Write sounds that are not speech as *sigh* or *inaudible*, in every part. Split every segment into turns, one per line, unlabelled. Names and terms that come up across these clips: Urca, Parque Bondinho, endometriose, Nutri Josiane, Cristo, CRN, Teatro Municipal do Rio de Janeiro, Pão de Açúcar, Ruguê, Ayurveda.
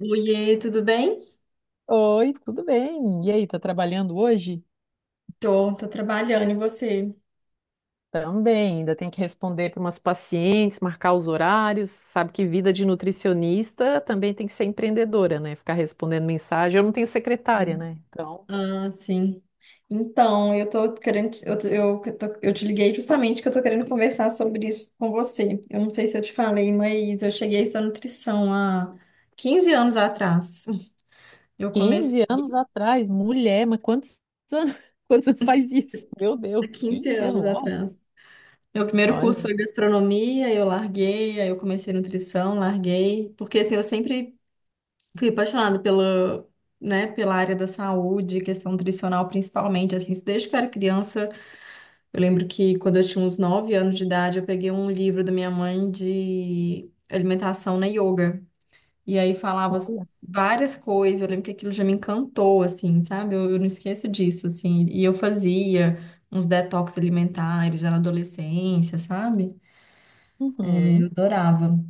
Oiê, tudo bem?
Oi, tudo bem? E aí, tá trabalhando hoje?
Tô trabalhando e você?
Também, ainda tem que responder para umas pacientes, marcar os horários. Sabe que vida de nutricionista também tem que ser empreendedora, né? Ficar respondendo mensagem. Eu não tenho secretária,
Sim.
né? Então,
Ah, sim. Então, eu tô querendo, eu, tô- eu, que tô- eu te liguei justamente que eu tô querendo conversar sobre isso com você. Eu não sei se eu te falei, mas eu cheguei a estudar nutrição há 15 anos atrás. Eu comecei
15 anos atrás, mulher, mas quantos anos, *laughs* quantos anos faz isso? Meu Deus,
há 15
15 anos,
anos
uau!
atrás. Meu primeiro curso
Olha,
foi gastronomia, eu larguei, aí eu comecei nutrição, larguei, porque assim, eu sempre fui apaixonada pela, né, pela área da saúde, questão nutricional principalmente, assim, isso desde que eu era criança. Eu lembro que quando eu tinha uns 9 anos de idade, eu peguei um livro da minha mãe de alimentação na yoga. E aí falava
olha.
várias coisas, eu lembro que aquilo já me encantou, assim, sabe? Eu não esqueço disso, assim. E eu fazia uns detox alimentares já na adolescência, sabe? Eu
Uhum.
adorava.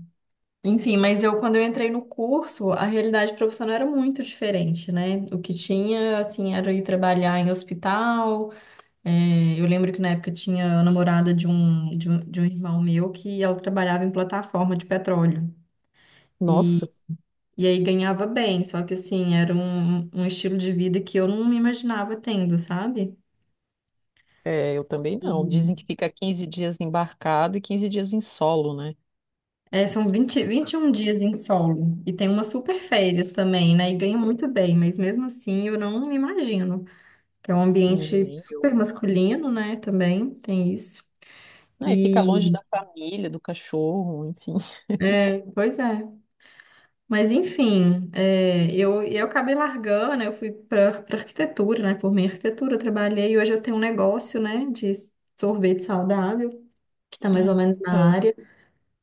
Enfim, mas eu quando eu entrei no curso, a realidade profissional era muito diferente, né? O que tinha, assim, era ir trabalhar em hospital. É, eu lembro que na época tinha a namorada de um irmão meu que ela trabalhava em plataforma de petróleo.
Nossa,
E, e aí ganhava bem, só que assim, era um estilo de vida que eu não me imaginava tendo, sabe?
é, eu também
E
não. Dizem que fica 15 dias embarcado e 15 dias em solo, né?
é, são 20, 21 dias em solo. E tem umas super férias também, né? E ganha muito bem, mas mesmo assim eu não me imagino. Que é um ambiente
Nem.
super masculino, né? Também tem isso.
Ah, e fica longe
E
da família, do cachorro, enfim.
é, pois é. Mas enfim, eu acabei largando, né, eu fui para arquitetura, né? Formei em arquitetura, trabalhei e hoje eu tenho um negócio, né, de sorvete saudável, que tá mais ou menos na
Aham.
área.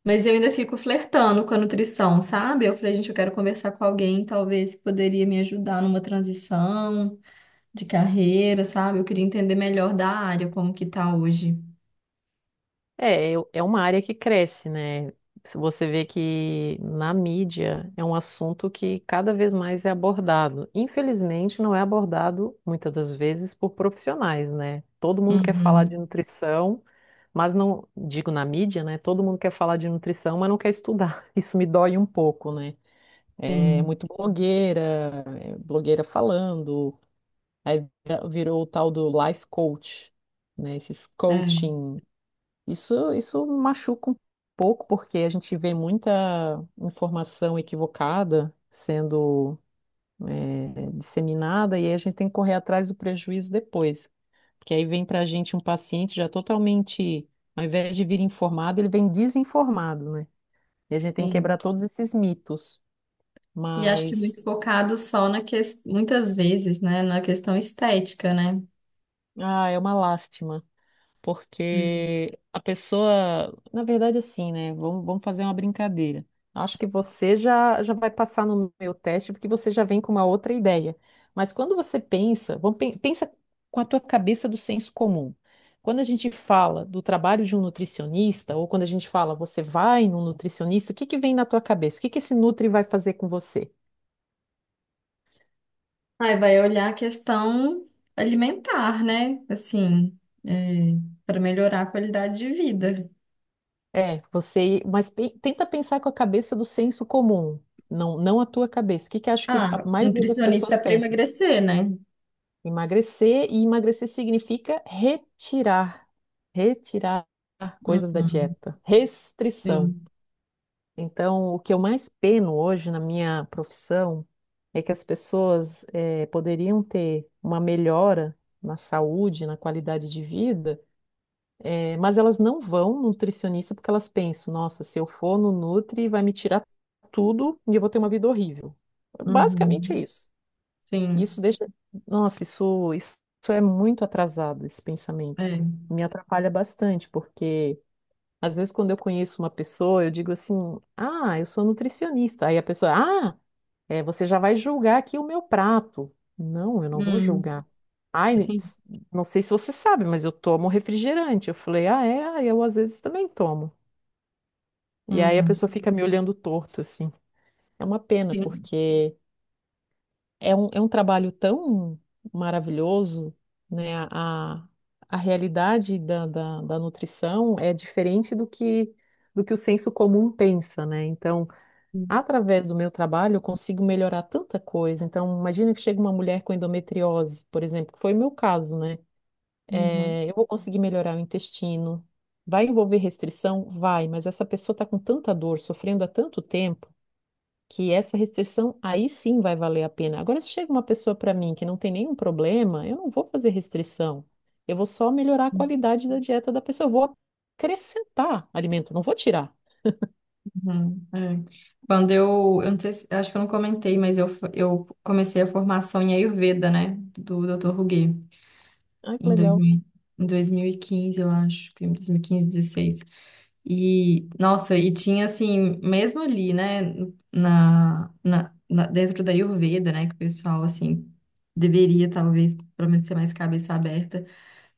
Mas eu ainda fico flertando com a nutrição, sabe? Eu falei, gente, eu quero conversar com alguém, talvez que poderia me ajudar numa transição de carreira, sabe? Eu queria entender melhor da área, como que tá hoje.
É, é uma área que cresce, né? Se você vê que na mídia é um assunto que cada vez mais é abordado. Infelizmente, não é abordado muitas das vezes por profissionais, né? Todo mundo quer falar de
Uhum.
nutrição, mas não, digo na mídia, né? Todo mundo quer falar de nutrição, mas não quer estudar. *laughs* Isso me dói um pouco, né? É
Sim,
muito blogueira, é blogueira falando. Aí virou o tal do life coach, né? Esses
é,
coaching. Isso machuca um pouco, porque a gente vê muita informação equivocada sendo, disseminada, e aí a gente tem que correr atrás do prejuízo depois. Porque aí vem para a gente um paciente já totalmente, ao invés de vir informado, ele vem desinformado, né? E a gente tem que quebrar
sim.
todos esses mitos.
E acho que
Mas,
muito focado só na questão, muitas vezes, né, na questão estética, né?
ah, é uma lástima.
Hum.
Porque a pessoa, na verdade, assim, né? Vamos fazer uma brincadeira. Acho que você já vai passar no meu teste, porque você já vem com uma outra ideia. Mas quando você pensa, vamos, pensa com a tua cabeça do senso comum. Quando a gente fala do trabalho de um nutricionista, ou quando a gente fala você vai num nutricionista, o que que vem na tua cabeça? O que que esse nutri vai fazer com você?
Aí vai olhar a questão alimentar, né? Assim, é, para melhorar a qualidade de vida.
É, você, mas tenta pensar com a cabeça do senso comum, não a tua cabeça. O que que acho que a
Ah,
maioria das
nutricionista
pessoas
para
pensa?
emagrecer, né?
Emagrecer, e emagrecer significa retirar, retirar coisas da
Uhum,
dieta, restrição.
sim,
Então, o que eu mais peno hoje na minha profissão é que as pessoas poderiam ter uma melhora na saúde, na qualidade de vida. É, mas elas não vão no nutricionista porque elas pensam, nossa, se eu for no nutri, vai me tirar tudo e eu vou ter uma vida horrível. Basicamente
uhum,
é isso.
sim,
Isso deixa. Nossa, isso é muito atrasado, esse pensamento.
é.
Me atrapalha bastante, porque às vezes quando eu conheço uma pessoa, eu digo assim, ah, eu sou nutricionista. Aí a pessoa, ah, é, você já vai julgar aqui o meu prato. Não, eu não vou
Hum,
julgar. Ai,
sim,
não sei se você sabe, mas eu tomo refrigerante. Eu falei, ah, é, ah, eu às vezes também tomo. E aí a
uhum,
pessoa fica me olhando torto, assim. É uma pena,
sim,
porque é um trabalho tão maravilhoso, né? A realidade da, da, da nutrição é diferente do que o senso comum pensa, né? Então,
sim,
através do meu trabalho, eu consigo melhorar tanta coisa. Então, imagina que chega uma mulher com endometriose, por exemplo, que foi o meu caso, né?
uhum.
É, eu vou conseguir melhorar o intestino. Vai envolver restrição? Vai, mas essa pessoa está com tanta dor, sofrendo há tanto tempo, que essa restrição aí sim vai valer a pena. Agora, se chega uma pessoa para mim que não tem nenhum problema, eu não vou fazer restrição. Eu vou só melhorar a qualidade da dieta da pessoa. Eu vou acrescentar alimento, não vou tirar.
Uhum, é. Quando eu não sei se, eu acho que eu não comentei, mas eu comecei a formação em Ayurveda, né, do doutor Ruguê,
Ai, que
em dois
legal.
mil em 2015 eu acho, que em 2015, 16. E, quinze, dezesseis. E, nossa, tinha assim, mesmo ali, né, dentro da Ayurveda, né, que o pessoal, assim, deveria talvez, pelo menos, ser mais cabeça aberta.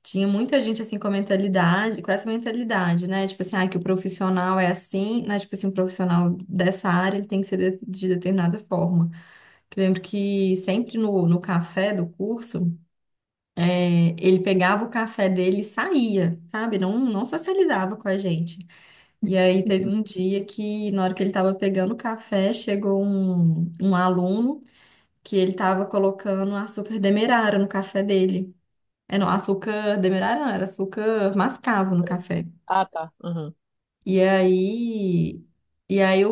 Tinha muita gente assim com a mentalidade, com essa mentalidade, né? Tipo assim, ah, que o profissional é assim, né? Tipo assim, um profissional dessa área, ele tem que ser de determinada forma. Que eu lembro que sempre no café do curso, é, ele pegava o café dele e saía, sabe? Não, não socializava com a gente. E aí teve um dia que, na hora que ele estava pegando o café, chegou um aluno que ele estava colocando açúcar demerara no café dele. É, não, açúcar demerara não, era açúcar mascavo no café.
Ah, tá. Aham.
E aí, e aí o,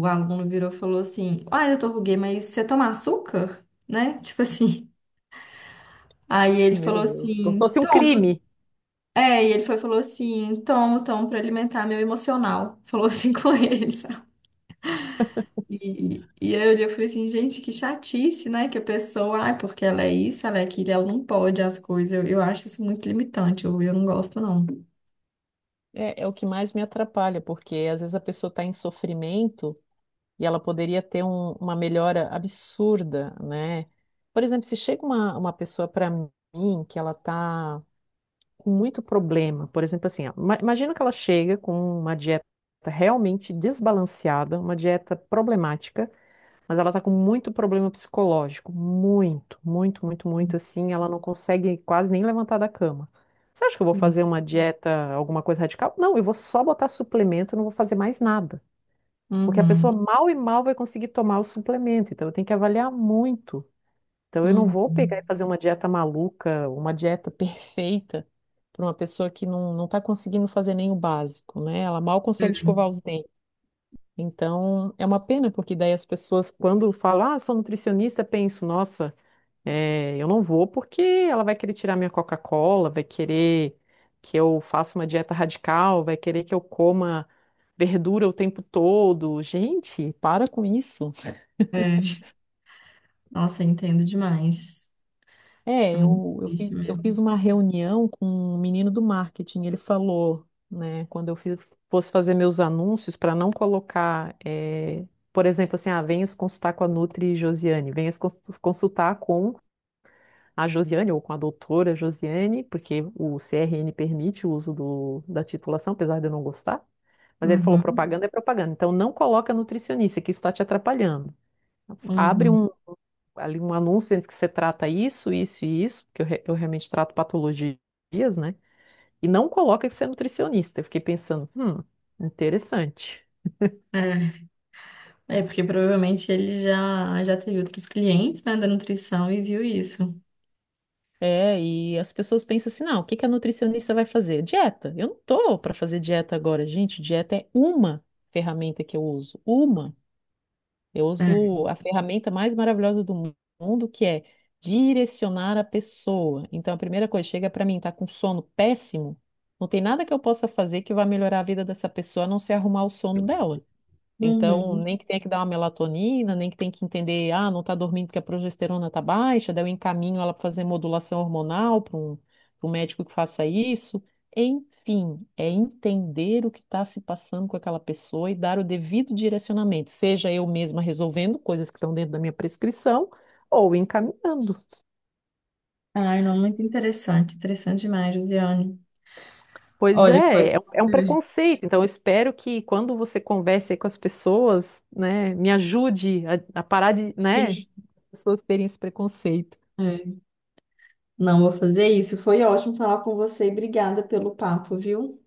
o aluno virou e falou assim: Ah, doutor Ruguê, mas você toma açúcar? Né? Tipo assim. *laughs* Aí
*laughs*
ele
Meu
falou
Deus. Como se
assim:
fosse um
Tomo.
crime.
É, e ele foi e falou assim: Tomo, tomo pra alimentar meu emocional. Falou assim *laughs* com ele, sabe? E aí eu olhei e falei assim: Gente, que chatice, né? Que a pessoa, ai, porque ela é isso, ela é aquilo, ela não pode as coisas. Eu acho isso muito limitante, eu não gosto, não.
É, é o que mais me atrapalha, porque às vezes a pessoa está em sofrimento e ela poderia ter uma melhora absurda, né? Por exemplo, se chega uma pessoa para mim que ela está com muito problema, por exemplo, assim, ó, imagina que ela chega com uma dieta realmente desbalanceada, uma dieta problemática, mas ela tá com muito problema psicológico, muito, muito, muito, muito assim, ela não consegue quase nem levantar da cama. Você acha que eu vou
Sim.
fazer uma dieta, alguma coisa radical? Não, eu vou só botar suplemento, eu não vou fazer mais nada. Porque a
Uhum.
pessoa mal e mal vai conseguir tomar o suplemento, então eu tenho que avaliar muito. Então eu não vou
Uhum.
pegar e fazer uma dieta maluca, uma dieta perfeita para uma pessoa que não está conseguindo fazer nem o básico, né? Ela mal
É,
consegue escovar os dentes. Então, é uma pena, porque daí as pessoas, quando falam, ah, sou nutricionista, penso, nossa, eu não vou porque ela vai querer tirar minha Coca-Cola, vai querer que eu faça uma dieta radical, vai querer que eu coma verdura o tempo todo. Gente, para com isso.
é. Nossa, eu entendo demais. É
É,
muito triste
eu fiz
mesmo.
uma reunião com um menino do marketing. Ele falou, né, quando fosse fazer meus anúncios, para não colocar, por exemplo, assim, ah, venha se consultar com a Nutri Josiane, venha se consultar com a Josiane ou com a doutora Josiane, porque o CRN permite o uso do, da titulação, apesar de eu não gostar. Mas ele falou:
Uhum,
propaganda é propaganda, então não coloca nutricionista, que isso está te atrapalhando. Abre
uhum.
um ali um anúncio antes que você trata isso, isso e isso, porque eu, eu realmente trato patologias, né? E não coloca que você é nutricionista. Eu fiquei pensando, interessante.
É, é porque provavelmente ele já teve outros clientes, né, da nutrição e viu isso.
É, e as pessoas pensam assim, não, o que que a nutricionista vai fazer? Dieta. Eu não tô para fazer dieta agora, gente. Dieta é uma ferramenta que eu uso, uma. Eu
É.
uso a ferramenta mais maravilhosa do mundo, que é direcionar a pessoa. Então, a primeira coisa, chega para mim, tá com sono péssimo, não tem nada que eu possa fazer que vá melhorar a vida dessa pessoa, a não ser arrumar o sono dela. Então,
Uhum.
nem que tenha que dar uma melatonina, nem que tenha que entender, ah, não está dormindo porque a progesterona está baixa, daí eu encaminho ela para fazer modulação hormonal para um, pra um médico que faça isso. Enfim, é entender o que está se passando com aquela pessoa e dar o devido direcionamento, seja eu mesma resolvendo coisas que estão dentro da minha prescrição ou encaminhando.
Ai, não, muito interessante, interessante demais, Josiane.
Pois
Olha, foi.
é, é um preconceito. Então, eu espero que quando você converse aí com as pessoas, né, me ajude a parar de, né,
Sim.
as pessoas terem esse preconceito.
É. Não vou fazer isso. Foi ótimo falar com você e obrigada pelo papo, viu?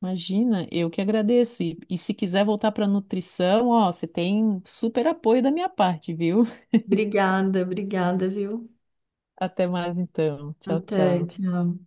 Imagina, eu que agradeço. E se quiser voltar para nutrição, ó, você tem super apoio da minha parte, viu? *laughs*
Obrigada, obrigada, viu?
Até mais então. Tchau,
Até,
tchau.
tchau.